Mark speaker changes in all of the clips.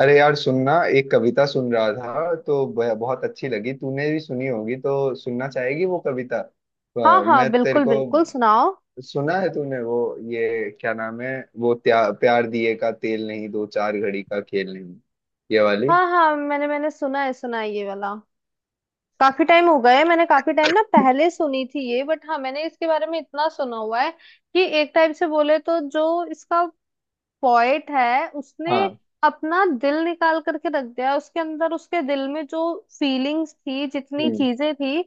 Speaker 1: अरे यार, सुनना। एक कविता सुन रहा था तो बहुत अच्छी लगी। तूने भी सुनी होगी तो सुनना चाहेगी वो कविता।
Speaker 2: हाँ हाँ,
Speaker 1: मैं तेरे
Speaker 2: बिल्कुल
Speaker 1: को
Speaker 2: बिल्कुल सुनाओ।
Speaker 1: सुना है तूने वो? ये क्या नाम है वो? प्यार दिए का तेल नहीं, दो चार घड़ी का खेल नहीं। ये वाली।
Speaker 2: हाँ हाँ, मैंने मैंने सुना है, सुना है ये वाला। काफी टाइम हो गया है, मैंने काफी टाइम ना पहले सुनी थी ये, बट हाँ, मैंने इसके बारे में इतना सुना हुआ है कि एक टाइप से बोले तो जो इसका पोएट है उसने
Speaker 1: हाँ।
Speaker 2: अपना दिल निकाल करके रख दिया है। उसके अंदर, उसके दिल में जो फीलिंग्स थी, जितनी
Speaker 1: हम्म,
Speaker 2: चीजें थी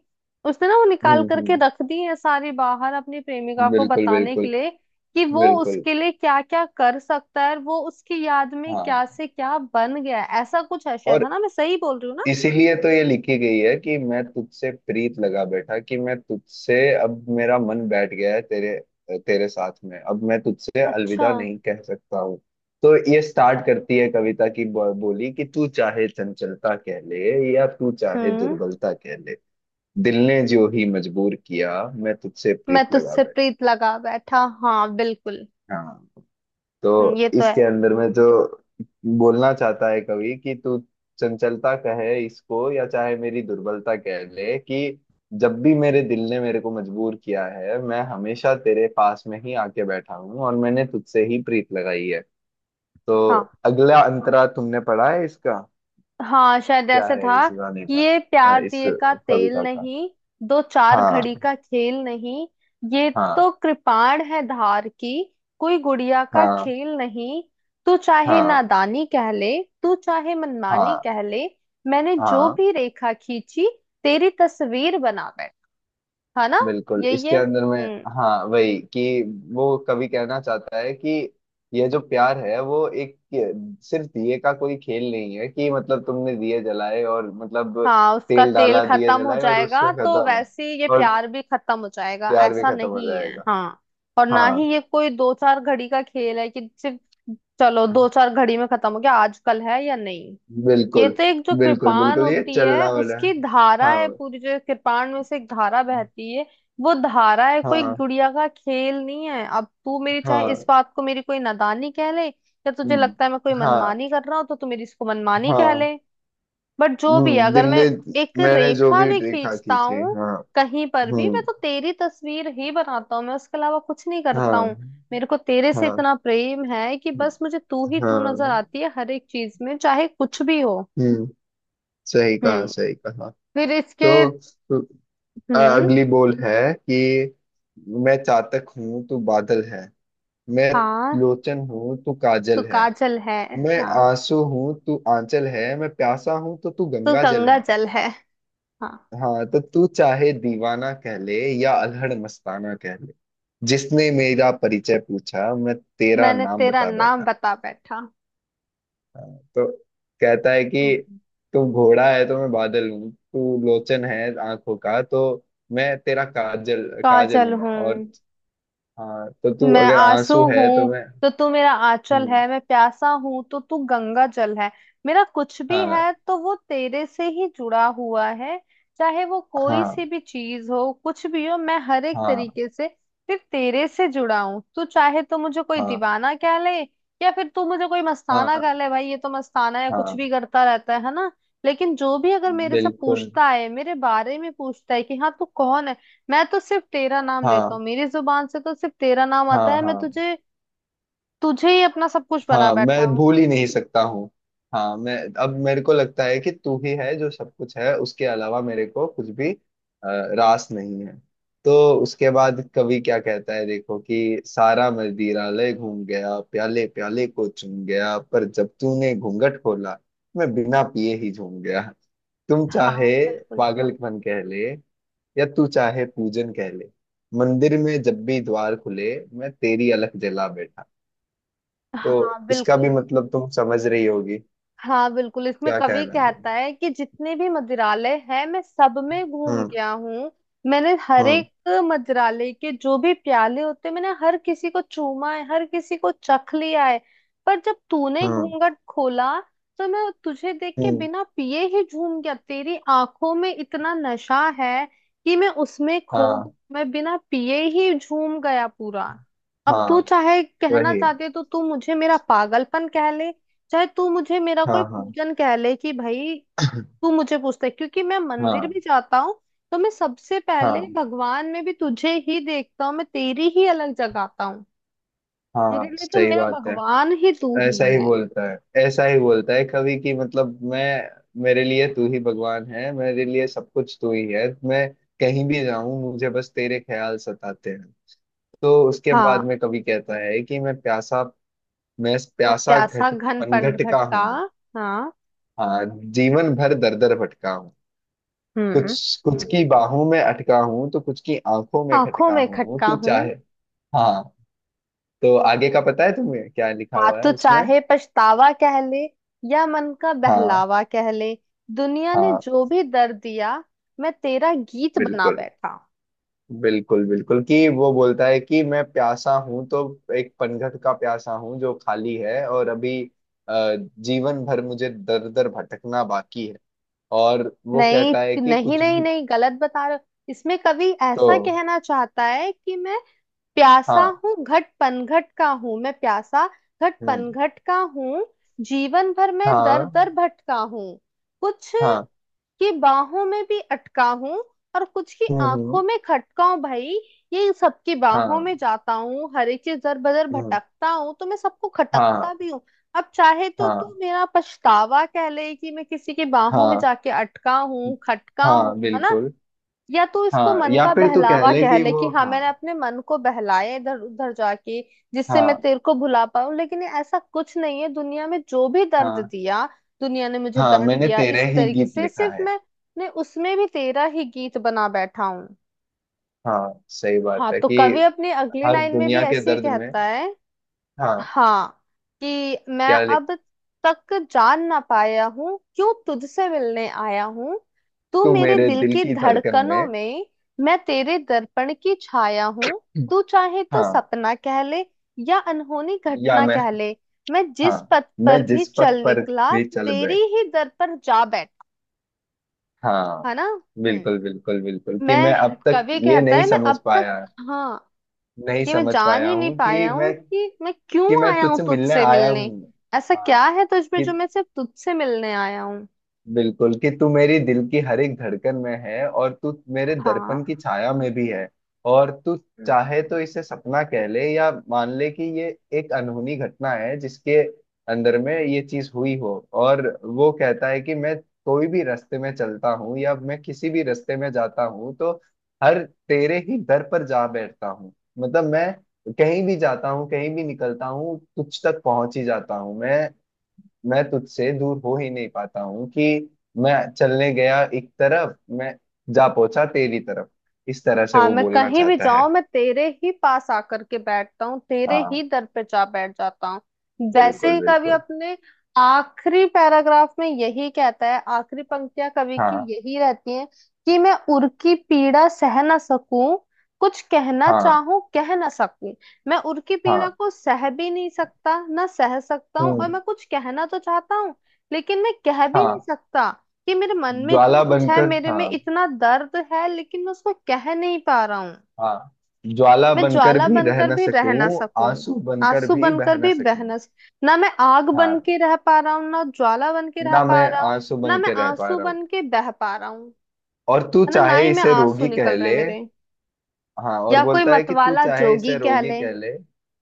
Speaker 2: उसने ना वो निकाल
Speaker 1: हम्म,
Speaker 2: करके
Speaker 1: हम्म।
Speaker 2: रख दी है सारी बाहर, अपनी प्रेमिका को
Speaker 1: बिल्कुल,
Speaker 2: बताने के
Speaker 1: बिल्कुल,
Speaker 2: लिए कि वो
Speaker 1: बिल्कुल।
Speaker 2: उसके लिए क्या क्या कर सकता है और वो उसकी याद में
Speaker 1: हाँ।
Speaker 2: क्या से क्या बन गया है। ऐसा कुछ है शायद,
Speaker 1: और
Speaker 2: है ना? मैं सही बोल रही हूँ ना?
Speaker 1: इसीलिए तो ये लिखी गई है कि मैं तुझसे प्रीत लगा बैठा, कि मैं तुझसे अब मेरा मन बैठ गया है। तेरे तेरे साथ में अब मैं तुझसे
Speaker 2: अच्छा।
Speaker 1: अलविदा नहीं कह सकता हूँ। तो ये स्टार्ट करती है कविता की बोली कि तू चाहे चंचलता कह ले, या तू चाहे
Speaker 2: हम्म
Speaker 1: दुर्बलता कह ले, दिल ने जो ही मजबूर किया, मैं तुझसे
Speaker 2: मैं
Speaker 1: प्रीत लगा
Speaker 2: तुझसे
Speaker 1: बैठा।
Speaker 2: प्रीत लगा बैठा। हाँ बिल्कुल।
Speaker 1: हाँ। तो
Speaker 2: ये तो है।
Speaker 1: इसके अंदर में जो बोलना चाहता है कवि कि तू चंचलता कहे इसको या चाहे मेरी दुर्बलता कह ले, कि जब भी मेरे दिल ने मेरे को मजबूर किया है मैं हमेशा तेरे पास में ही आके बैठा हूँ, और मैंने तुझसे ही प्रीत लगाई है। तो
Speaker 2: हाँ
Speaker 1: अगला अंतरा तुमने पढ़ा है इसका?
Speaker 2: हाँ, शायद
Speaker 1: क्या
Speaker 2: ऐसे
Speaker 1: है इस
Speaker 2: था
Speaker 1: गाने
Speaker 2: कि
Speaker 1: का,
Speaker 2: ये प्यार
Speaker 1: इस
Speaker 2: दिए का तेल
Speaker 1: कविता का?
Speaker 2: नहीं, दो चार
Speaker 1: हाँ।
Speaker 2: घड़ी का खेल नहीं, ये
Speaker 1: हाँ।
Speaker 2: तो कृपाण है धार की, कोई गुड़िया का
Speaker 1: हाँ।
Speaker 2: खेल नहीं। तू चाहे
Speaker 1: हाँ।
Speaker 2: नादानी कह ले, तू चाहे मनमानी
Speaker 1: हाँ।
Speaker 2: कह ले, मैंने जो
Speaker 1: हाँ,
Speaker 2: भी रेखा खींची तेरी तस्वीर बना बैठ। है ना?
Speaker 1: बिल्कुल।
Speaker 2: यही
Speaker 1: इसके
Speaker 2: है।
Speaker 1: अंदर में,
Speaker 2: हम्म।
Speaker 1: हाँ, वही कि वो कभी कहना चाहता है कि यह जो प्यार है वो एक सिर्फ दिए का कोई खेल नहीं है, कि मतलब तुमने दिए जलाए और मतलब
Speaker 2: हाँ, उसका
Speaker 1: तेल
Speaker 2: तेल
Speaker 1: डाला, दिए
Speaker 2: खत्म हो
Speaker 1: जलाए और
Speaker 2: जाएगा
Speaker 1: उसमें
Speaker 2: तो
Speaker 1: खत्म,
Speaker 2: वैसे ही ये
Speaker 1: और
Speaker 2: प्यार भी खत्म हो जाएगा,
Speaker 1: प्यार भी
Speaker 2: ऐसा
Speaker 1: खत्म हो
Speaker 2: नहीं है।
Speaker 1: जाएगा।
Speaker 2: हाँ, और ना ही
Speaker 1: हाँ।
Speaker 2: ये कोई दो चार घड़ी का खेल है कि सिर्फ चलो दो चार घड़ी में खत्म हो गया, आजकल है या नहीं। ये
Speaker 1: बिल्कुल,
Speaker 2: तो एक जो
Speaker 1: बिल्कुल,
Speaker 2: कृपाण
Speaker 1: बिल्कुल, ये
Speaker 2: होती है
Speaker 1: चलना वाला
Speaker 2: उसकी
Speaker 1: है।
Speaker 2: धारा
Speaker 1: हाँ।
Speaker 2: है, पूरी जो कृपाण में से एक धारा बहती है, वो धारा है। कोई
Speaker 1: हाँ।
Speaker 2: गुड़िया का खेल नहीं है। अब तू मेरी चाहे इस
Speaker 1: हाँ।
Speaker 2: बात को मेरी कोई नादानी कह ले, या तुझे
Speaker 1: हम्म।
Speaker 2: लगता है मैं कोई
Speaker 1: हाँ।
Speaker 2: मनमानी कर रहा हूँ तो तू मेरी इसको मनमानी कह
Speaker 1: हाँ।
Speaker 2: ले, बट जो भी है,
Speaker 1: हम्म, दिल
Speaker 2: अगर मैं
Speaker 1: ने
Speaker 2: एक
Speaker 1: मैंने जो
Speaker 2: रेखा
Speaker 1: भी
Speaker 2: भी
Speaker 1: देखा
Speaker 2: खींचता
Speaker 1: की थी।
Speaker 2: हूँ
Speaker 1: हाँ।
Speaker 2: कहीं पर भी, मैं
Speaker 1: हम्म।
Speaker 2: तो तेरी तस्वीर ही बनाता हूँ, मैं उसके अलावा कुछ नहीं करता
Speaker 1: हाँ।
Speaker 2: हूँ। मेरे को तेरे से
Speaker 1: हाँ।
Speaker 2: इतना प्रेम है कि बस मुझे तू ही तू नजर
Speaker 1: हाँ।
Speaker 2: आती है हर एक चीज में, चाहे कुछ भी हो।
Speaker 1: हम्म। सही कहा,
Speaker 2: हम्म।
Speaker 1: सही कहा।
Speaker 2: फिर इसके,
Speaker 1: तो तो,
Speaker 2: हम्म
Speaker 1: अगली बोल है कि मैं चातक हूँ तू बादल है, मैं
Speaker 2: हाँ,
Speaker 1: लोचन हूँ तू
Speaker 2: तू
Speaker 1: काजल है,
Speaker 2: काजल है।
Speaker 1: मैं
Speaker 2: हाँ
Speaker 1: आंसू हूँ तू आंचल है, मैं प्यासा हूँ तो तू
Speaker 2: तू
Speaker 1: गंगा जल
Speaker 2: गंगा
Speaker 1: है।
Speaker 2: जल है। हाँ,
Speaker 1: हाँ, तो तू चाहे दीवाना कह ले, या अलहड़ मस्ताना कह ले, जिसने मेरा परिचय पूछा मैं तेरा
Speaker 2: मैंने
Speaker 1: नाम
Speaker 2: तेरा
Speaker 1: बता
Speaker 2: नाम
Speaker 1: बैठा।
Speaker 2: बता बैठा।
Speaker 1: हाँ। तो कहता है कि
Speaker 2: हम्म
Speaker 1: तू घोड़ा है तो मैं बादल हूँ, तू लोचन है आंखों का, तो मैं तेरा काजल काजल
Speaker 2: काजल
Speaker 1: हूँ।
Speaker 2: हूँ।
Speaker 1: और हाँ, तो तू
Speaker 2: मैं
Speaker 1: अगर
Speaker 2: आंसू
Speaker 1: आंसू है
Speaker 2: हूँ
Speaker 1: तो मैं
Speaker 2: तो तू मेरा आंचल
Speaker 1: हूँ।
Speaker 2: है, मैं प्यासा हूँ तो तू गंगा जल है। मेरा कुछ भी
Speaker 1: हाँ।
Speaker 2: है तो वो तेरे से ही जुड़ा हुआ है, चाहे वो कोई सी
Speaker 1: हाँ।
Speaker 2: भी चीज हो, कुछ भी हो। मैं हर एक
Speaker 1: हाँ।
Speaker 2: तरीके से फिर तेरे से जुड़ा हूँ। तू चाहे तो मुझे कोई
Speaker 1: हाँ।
Speaker 2: दीवाना कह ले, या फिर तू मुझे कोई मस्ताना कह
Speaker 1: हाँ।
Speaker 2: ले, भाई ये तो मस्ताना है, कुछ भी
Speaker 1: हाँ,
Speaker 2: करता रहता है ना? लेकिन जो भी अगर मेरे से
Speaker 1: बिल्कुल।
Speaker 2: पूछता है, मेरे बारे में पूछता है कि हाँ, तू कौन है, मैं तो सिर्फ तेरा नाम लेता
Speaker 1: हाँ।
Speaker 2: हूँ, मेरी जुबान से तो सिर्फ तेरा नाम
Speaker 1: हाँ।
Speaker 2: आता है, मैं
Speaker 1: हाँ।
Speaker 2: तुझे, तुझे ही अपना सब कुछ बना
Speaker 1: हाँ, मैं
Speaker 2: बैठा हूँ।
Speaker 1: भूल ही नहीं सकता हूँ। हाँ, मैं अब मेरे को लगता है कि तू ही है जो सब कुछ है, उसके अलावा मेरे को कुछ भी रास नहीं है। तो उसके बाद कवि क्या कहता है, देखो, कि सारा मदिरा ले घूम गया, प्याले प्याले को चूम गया, पर जब तूने घूंघट खोला मैं बिना पिए ही झूम गया, तुम चाहे
Speaker 2: हाँ बिल्कुल।
Speaker 1: पागलपन कह ले, या तू चाहे पूजन कह ले, मंदिर में जब भी द्वार खुले मैं तेरी अलख जला बैठा। तो
Speaker 2: हाँ
Speaker 1: इसका भी
Speaker 2: बिल्कुल।
Speaker 1: मतलब तुम समझ रही होगी,
Speaker 2: हाँ बिल्कुल, इसमें
Speaker 1: क्या
Speaker 2: कवि
Speaker 1: कहना चाहूँ।
Speaker 2: कहता है कि जितने भी मदिरालय हैं मैं सब में घूम
Speaker 1: हम्म।
Speaker 2: गया हूँ, मैंने हर
Speaker 1: हम्म।
Speaker 2: एक मदिरालय के जो भी प्याले होते हैं, मैंने हर किसी को चूमा है, हर किसी को चख लिया है, पर जब तूने
Speaker 1: हम्म।
Speaker 2: घूंघट खोला तो मैं तुझे देख के
Speaker 1: हम्म।
Speaker 2: बिना पिए ही झूम गया। तेरी आंखों में इतना नशा है कि मैं उसमें खो,
Speaker 1: हाँ।
Speaker 2: मैं बिना पिए ही झूम गया पूरा। अब तू
Speaker 1: हाँ,
Speaker 2: चाहे कहना
Speaker 1: वही।
Speaker 2: चाहती है तो तू मुझे मेरा पागलपन कह ले, चाहे तू मुझे मेरा कोई
Speaker 1: हाँ। हाँ।
Speaker 2: पूजन कह ले, कि भाई तू मुझे पूछता है क्योंकि मैं मंदिर
Speaker 1: हाँ।
Speaker 2: भी जाता हूँ, तो मैं सबसे पहले
Speaker 1: हाँ।
Speaker 2: भगवान में भी तुझे ही देखता हूँ, मैं तेरी ही अलग जगाता हूँ। मेरे
Speaker 1: हाँ,
Speaker 2: लिए तो
Speaker 1: सही
Speaker 2: मेरा
Speaker 1: बात है।
Speaker 2: भगवान ही तू
Speaker 1: ऐसा
Speaker 2: ही
Speaker 1: ही
Speaker 2: है।
Speaker 1: बोलता है, ऐसा ही बोलता है कभी कि मतलब मैं मेरे लिए तू ही भगवान है, मेरे लिए सब कुछ तू ही है, मैं कहीं भी जाऊं मुझे बस तेरे ख्याल सताते हैं। तो उसके बाद
Speaker 2: हाँ,
Speaker 1: में कभी कहता है कि मैं प्यासा, मैं
Speaker 2: मैं
Speaker 1: प्यासा
Speaker 2: प्यासा
Speaker 1: घट
Speaker 2: घन
Speaker 1: पनघट का
Speaker 2: खटका।
Speaker 1: हूँ।
Speaker 2: हाँ।
Speaker 1: हाँ। जीवन भर दर दर भटका हूँ,
Speaker 2: हम्म
Speaker 1: कुछ कुछ की बाहों में अटका हूँ तो कुछ की आंखों में
Speaker 2: आंखों
Speaker 1: खटका
Speaker 2: में
Speaker 1: हूँ,
Speaker 2: खटका
Speaker 1: तू
Speaker 2: हूँ।
Speaker 1: चाहे। हाँ। तो आगे का पता है तुम्हें क्या लिखा
Speaker 2: हाँ,
Speaker 1: हुआ है
Speaker 2: तो
Speaker 1: उसमें?
Speaker 2: चाहे पछतावा कह ले, या मन का
Speaker 1: हाँ।
Speaker 2: बहलावा कह ले, दुनिया ने
Speaker 1: हाँ।
Speaker 2: जो भी दर्द दिया मैं तेरा गीत बना
Speaker 1: बिल्कुल,
Speaker 2: बैठा।
Speaker 1: बिल्कुल, बिल्कुल कि वो बोलता है कि मैं प्यासा हूँ तो एक पनघट का प्यासा हूँ जो खाली है, और अभी जीवन भर मुझे दर दर भटकना बाकी है। और वो कहता है
Speaker 2: नहीं
Speaker 1: कि
Speaker 2: नहीं
Speaker 1: कुछ
Speaker 2: नहीं
Speaker 1: भी
Speaker 2: नहीं, गलत बता रहे हो। इसमें कवि ऐसा
Speaker 1: तो
Speaker 2: कहना चाहता है कि मैं प्यासा
Speaker 1: हाँ,
Speaker 2: हूँ, घट पनघट का हूँ, मैं प्यासा घट
Speaker 1: हम्म,
Speaker 2: पनघट का हूँ, जीवन भर मैं दर
Speaker 1: हाँ।
Speaker 2: दर भटका हूँ, कुछ
Speaker 1: हाँ।
Speaker 2: की बाहों में भी अटका हूँ और कुछ की
Speaker 1: हम्म। हम्म।
Speaker 2: आंखों में खटका हूँ। भाई ये, सबकी बाहों
Speaker 1: हाँ।
Speaker 2: में जाता हूँ, हर एक चीज दर बदर
Speaker 1: हम्म।
Speaker 2: भटकता हूँ तो मैं सबको खटकता
Speaker 1: हाँ।
Speaker 2: भी हूँ। अब चाहे तो तू
Speaker 1: हाँ।
Speaker 2: मेरा पछतावा कह ले कि मैं किसी की बाहों में
Speaker 1: हाँ।
Speaker 2: जाके अटका हूँ, खटका हूँ,
Speaker 1: हाँ,
Speaker 2: है ना?
Speaker 1: बिल्कुल।
Speaker 2: या तो इसको
Speaker 1: हाँ,
Speaker 2: मन
Speaker 1: या
Speaker 2: का
Speaker 1: फिर तू कह
Speaker 2: बहलावा
Speaker 1: ले
Speaker 2: कह
Speaker 1: कि
Speaker 2: ले
Speaker 1: वो
Speaker 2: कि हाँ,
Speaker 1: हाँ।
Speaker 2: मैंने अपने मन को बहलाया इधर उधर जाके, जिससे मैं
Speaker 1: हाँ।
Speaker 2: तेरे को भुला पाऊं, लेकिन ये ऐसा कुछ नहीं है। दुनिया में जो भी दर्द
Speaker 1: हाँ।
Speaker 2: दिया, दुनिया ने मुझे
Speaker 1: हाँ,
Speaker 2: दर्द
Speaker 1: मैंने
Speaker 2: दिया
Speaker 1: तेरे
Speaker 2: इस
Speaker 1: ही
Speaker 2: तरीके
Speaker 1: गीत
Speaker 2: से,
Speaker 1: लिखा
Speaker 2: सिर्फ
Speaker 1: है।
Speaker 2: मैं उसमें भी तेरा ही गीत बना बैठा हूं।
Speaker 1: हाँ, सही बात
Speaker 2: हाँ,
Speaker 1: है
Speaker 2: तो
Speaker 1: कि
Speaker 2: कवि अपनी अगली
Speaker 1: हर
Speaker 2: लाइन में भी
Speaker 1: दुनिया के
Speaker 2: ऐसे ही
Speaker 1: दर्द में।
Speaker 2: कहता है।
Speaker 1: हाँ।
Speaker 2: हाँ, कि मैं
Speaker 1: क्या लिख,
Speaker 2: अब तक जान ना पाया हूँ क्यों तुझसे मिलने आया हूँ, तू
Speaker 1: तू
Speaker 2: मेरे
Speaker 1: मेरे
Speaker 2: दिल
Speaker 1: दिल
Speaker 2: की
Speaker 1: की धड़कन
Speaker 2: धड़कनों
Speaker 1: में।
Speaker 2: में, मैं तेरे दर्पण की छाया हूँ, तू चाहे तो
Speaker 1: हाँ।
Speaker 2: सपना कह ले, या अनहोनी
Speaker 1: या
Speaker 2: घटना
Speaker 1: मैं?
Speaker 2: कह ले, मैं
Speaker 1: हाँ,
Speaker 2: जिस पथ
Speaker 1: मैं
Speaker 2: पर भी
Speaker 1: जिस पथ
Speaker 2: चल
Speaker 1: पर
Speaker 2: निकला
Speaker 1: भी चल
Speaker 2: तेरी
Speaker 1: बैठ।
Speaker 2: ही दर पर जा बैठा।
Speaker 1: हाँ,
Speaker 2: है ना?
Speaker 1: बिल्कुल,
Speaker 2: हम्म
Speaker 1: बिल्कुल, बिल्कुल कि मैं
Speaker 2: मैं,
Speaker 1: अब तक
Speaker 2: कवि
Speaker 1: ये
Speaker 2: कहता
Speaker 1: नहीं
Speaker 2: है, मैं
Speaker 1: समझ
Speaker 2: अब तक,
Speaker 1: पाया,
Speaker 2: हाँ,
Speaker 1: नहीं
Speaker 2: ये मैं
Speaker 1: समझ
Speaker 2: जान
Speaker 1: पाया
Speaker 2: ही नहीं
Speaker 1: हूँ कि
Speaker 2: पाया हूँ
Speaker 1: मैं,
Speaker 2: कि मैं क्यों
Speaker 1: कि मैं
Speaker 2: आया हूँ
Speaker 1: तुझसे मिलने
Speaker 2: तुझसे
Speaker 1: आया
Speaker 2: मिलने,
Speaker 1: हूँ।
Speaker 2: ऐसा
Speaker 1: हाँ।
Speaker 2: क्या है तुझ में
Speaker 1: कि
Speaker 2: जो मैं सिर्फ तुझसे मिलने आया हूँ।
Speaker 1: बिल्कुल कि तू मेरी दिल की हर एक धड़कन में है, और तू मेरे दर्पण
Speaker 2: हाँ
Speaker 1: की छाया में भी है। और तू चाहे तो इसे सपना कह ले, या मान ले कि ये एक अनहोनी घटना है जिसके अंदर में ये चीज हुई हो। और वो कहता है कि मैं कोई भी रास्ते में चलता हूँ या मैं किसी भी रास्ते में जाता हूँ तो हर तेरे ही दर पर जा बैठता हूँ, मतलब मैं कहीं भी जाता हूँ, कहीं भी निकलता हूँ, तुझ तक पहुंच ही जाता हूँ मैं तुझसे दूर हो ही नहीं पाता हूँ, कि मैं चलने गया एक तरफ मैं जा पहुंचा तेरी तरफ। इस तरह से
Speaker 2: हाँ,
Speaker 1: वो
Speaker 2: मैं
Speaker 1: बोलना
Speaker 2: कहीं भी
Speaker 1: चाहता है।
Speaker 2: जाऊं मैं तेरे ही पास आकर के बैठता हूँ, तेरे ही
Speaker 1: हाँ,
Speaker 2: दर पे जा बैठ जाता हूँ। वैसे
Speaker 1: बिल्कुल,
Speaker 2: ही कवि
Speaker 1: बिल्कुल।
Speaker 2: अपने आखिरी पैराग्राफ में यही कहता है, आखिरी पंक्तियां कवि की
Speaker 1: हाँ।
Speaker 2: यही रहती हैं कि मैं उर की पीड़ा सह ना सकूं, कुछ कहना
Speaker 1: हाँ।
Speaker 2: चाहूं कह ना सकूं। मैं उर की पीड़ा
Speaker 1: हाँ।
Speaker 2: को सह भी नहीं सकता, ना सह सकता हूँ और
Speaker 1: हम्म।
Speaker 2: मैं कुछ कहना तो चाहता हूँ लेकिन मैं कह भी नहीं
Speaker 1: हाँ।
Speaker 2: सकता, कि मेरे मन में इतना
Speaker 1: ज्वाला
Speaker 2: कुछ है,
Speaker 1: बनकर,
Speaker 2: मेरे में
Speaker 1: हाँ।
Speaker 2: इतना दर्द है लेकिन मैं उसको कह नहीं पा रहा हूँ।
Speaker 1: हाँ, ज्वाला
Speaker 2: मैं
Speaker 1: बनकर
Speaker 2: ज्वाला
Speaker 1: भी रह
Speaker 2: बनकर
Speaker 1: न
Speaker 2: भी रह ना
Speaker 1: सकूं,
Speaker 2: सकूं,
Speaker 1: आंसू बनकर
Speaker 2: आंसू
Speaker 1: भी बह
Speaker 2: बनकर
Speaker 1: न
Speaker 2: भी बह
Speaker 1: सकूं।
Speaker 2: ना, मैं आग बन
Speaker 1: हाँ।
Speaker 2: के रह पा रहा हूँ ना ज्वाला बन के रह
Speaker 1: ना मैं
Speaker 2: पा रहा हूँ,
Speaker 1: आंसू
Speaker 2: ना
Speaker 1: बन
Speaker 2: मैं
Speaker 1: के रह पा
Speaker 2: आंसू
Speaker 1: रहा हूँ।
Speaker 2: बन के बह पा रहा हूँ,
Speaker 1: और तू
Speaker 2: है ना? ना
Speaker 1: चाहे
Speaker 2: ही मैं,
Speaker 1: इसे
Speaker 2: आंसू
Speaker 1: रोगी कह
Speaker 2: निकल रहे
Speaker 1: ले।
Speaker 2: हैं मेरे,
Speaker 1: हाँ, और
Speaker 2: या कोई
Speaker 1: बोलता है कि तू
Speaker 2: मतवाला
Speaker 1: चाहे
Speaker 2: जोगी
Speaker 1: इसे
Speaker 2: कह
Speaker 1: रोगी
Speaker 2: ले।
Speaker 1: कह ले।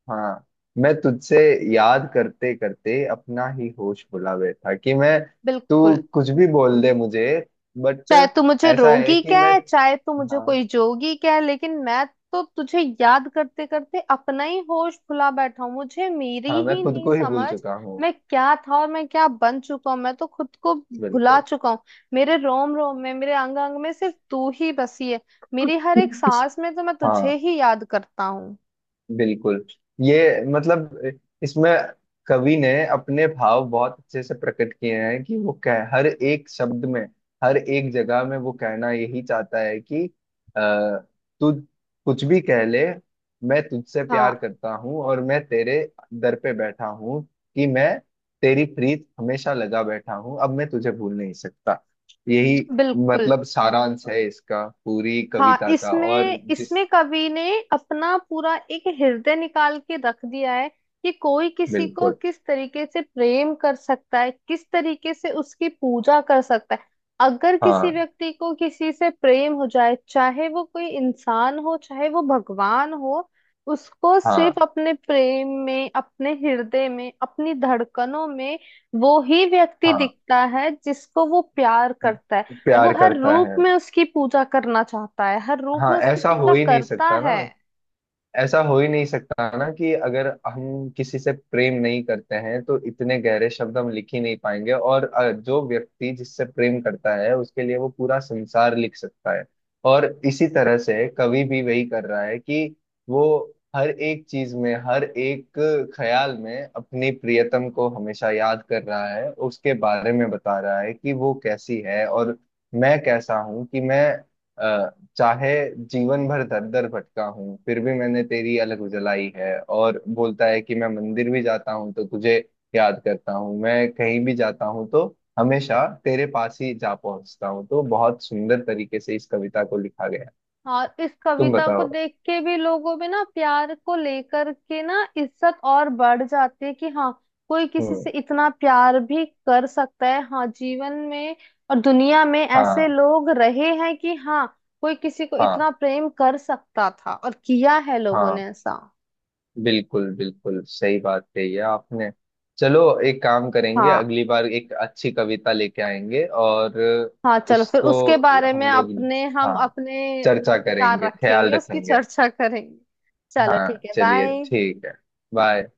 Speaker 1: हाँ। मैं तुझसे याद करते करते अपना ही होश भुला बैठा, कि मैं तू
Speaker 2: बिल्कुल,
Speaker 1: कुछ भी बोल दे मुझे, बट
Speaker 2: चाहे तू मुझे
Speaker 1: ऐसा है
Speaker 2: रोगी
Speaker 1: कि
Speaker 2: क्या
Speaker 1: मैं।
Speaker 2: है, चाहे तू मुझे
Speaker 1: हाँ।
Speaker 2: कोई जोगी क्या है, लेकिन मैं तो तुझे याद करते करते अपना ही होश भुला बैठा हूँ, मुझे मेरी
Speaker 1: हाँ, मैं
Speaker 2: ही
Speaker 1: खुद
Speaker 2: नहीं
Speaker 1: को ही भूल
Speaker 2: समझ,
Speaker 1: चुका हूँ।
Speaker 2: मैं क्या था और मैं क्या बन चुका हूँ, मैं तो खुद को भुला
Speaker 1: बिल्कुल।
Speaker 2: चुका हूँ। मेरे रोम रोम में, मेरे अंग अंग में सिर्फ तू ही बसी है, मेरी हर एक सांस में तो मैं
Speaker 1: हाँ।
Speaker 2: तुझे ही याद करता हूँ।
Speaker 1: बिल्कुल। ये मतलब इसमें कवि ने अपने भाव बहुत अच्छे से प्रकट किए हैं कि वो कह हर एक शब्द में, हर एक जगह में वो कहना यही चाहता है कि अ, तू कुछ भी कह ले, मैं तुझसे प्यार
Speaker 2: हाँ
Speaker 1: करता हूँ और मैं तेरे दर पे बैठा हूँ, कि मैं तेरी प्रीत हमेशा लगा बैठा हूँ, अब मैं तुझे भूल नहीं सकता। यही
Speaker 2: बिल्कुल।
Speaker 1: मतलब सारांश है इसका, पूरी
Speaker 2: हाँ,
Speaker 1: कविता का। और
Speaker 2: इसमें
Speaker 1: जिस
Speaker 2: इसमें कवि ने अपना पूरा एक हृदय निकाल के रख दिया है, कि कोई किसी को
Speaker 1: बिल्कुल।
Speaker 2: किस तरीके से प्रेम कर सकता है, किस तरीके से उसकी पूजा कर सकता है। अगर किसी
Speaker 1: हाँ।
Speaker 2: व्यक्ति को किसी से प्रेम हो जाए, चाहे वो कोई इंसान हो चाहे वो भगवान हो, उसको सिर्फ
Speaker 1: हाँ।
Speaker 2: अपने प्रेम में, अपने हृदय में, अपनी धड़कनों में वो ही व्यक्ति
Speaker 1: हाँ,
Speaker 2: दिखता है जिसको वो प्यार करता है। वो
Speaker 1: प्यार
Speaker 2: हर
Speaker 1: करता
Speaker 2: रूप
Speaker 1: है।
Speaker 2: में उसकी पूजा करना चाहता है, हर रूप
Speaker 1: हाँ,
Speaker 2: में उसकी
Speaker 1: ऐसा हो
Speaker 2: पूजा
Speaker 1: ही नहीं
Speaker 2: करता
Speaker 1: सकता ना,
Speaker 2: है।
Speaker 1: ऐसा हो ही नहीं सकता ना कि अगर हम किसी से प्रेम नहीं करते हैं तो इतने गहरे शब्द हम लिख ही नहीं पाएंगे। और जो व्यक्ति जिससे प्रेम करता है उसके लिए वो पूरा संसार लिख सकता है। और इसी तरह से कवि भी वही कर रहा है कि वो हर एक चीज में, हर एक ख्याल में अपनी प्रियतम को हमेशा याद कर रहा है, उसके बारे में बता रहा है कि वो कैसी है और मैं कैसा हूँ, कि मैं अ, चाहे जीवन भर दर दर भटका हूँ फिर भी मैंने तेरी अलग उजलाई है, और बोलता है कि मैं मंदिर भी जाता हूँ तो तुझे याद करता हूँ, मैं कहीं भी जाता हूँ तो हमेशा तेरे पास ही जा पहुंचता हूँ। तो बहुत सुंदर तरीके से इस कविता को लिखा गया है।
Speaker 2: और इस
Speaker 1: तुम
Speaker 2: कविता को
Speaker 1: बताओ।
Speaker 2: देख के भी लोगों में ना प्यार को लेकर के ना इज्जत और बढ़ जाती है, कि हाँ, कोई किसी
Speaker 1: हम्म।
Speaker 2: से इतना प्यार भी कर सकता है, हाँ जीवन में, और दुनिया में ऐसे
Speaker 1: हाँ।
Speaker 2: लोग रहे हैं कि हाँ, कोई किसी को इतना
Speaker 1: हाँ।
Speaker 2: प्रेम कर सकता था और किया है लोगों
Speaker 1: हाँ,
Speaker 2: ने ऐसा।
Speaker 1: बिल्कुल, बिल्कुल सही बात कही है आपने। चलो, एक काम करेंगे,
Speaker 2: हाँ
Speaker 1: अगली बार एक अच्छी कविता लेके आएंगे और
Speaker 2: हाँ, चलो फिर
Speaker 1: उसको
Speaker 2: उसके बारे में
Speaker 1: हम लोग,
Speaker 2: अपने, हम
Speaker 1: हाँ,
Speaker 2: अपने
Speaker 1: चर्चा
Speaker 2: विचार
Speaker 1: करेंगे, ख्याल
Speaker 2: रखेंगे, उसकी
Speaker 1: रखेंगे।
Speaker 2: चर्चा करेंगे। चलो ठीक
Speaker 1: हाँ,
Speaker 2: है,
Speaker 1: चलिए
Speaker 2: बाय।
Speaker 1: ठीक है। बाय।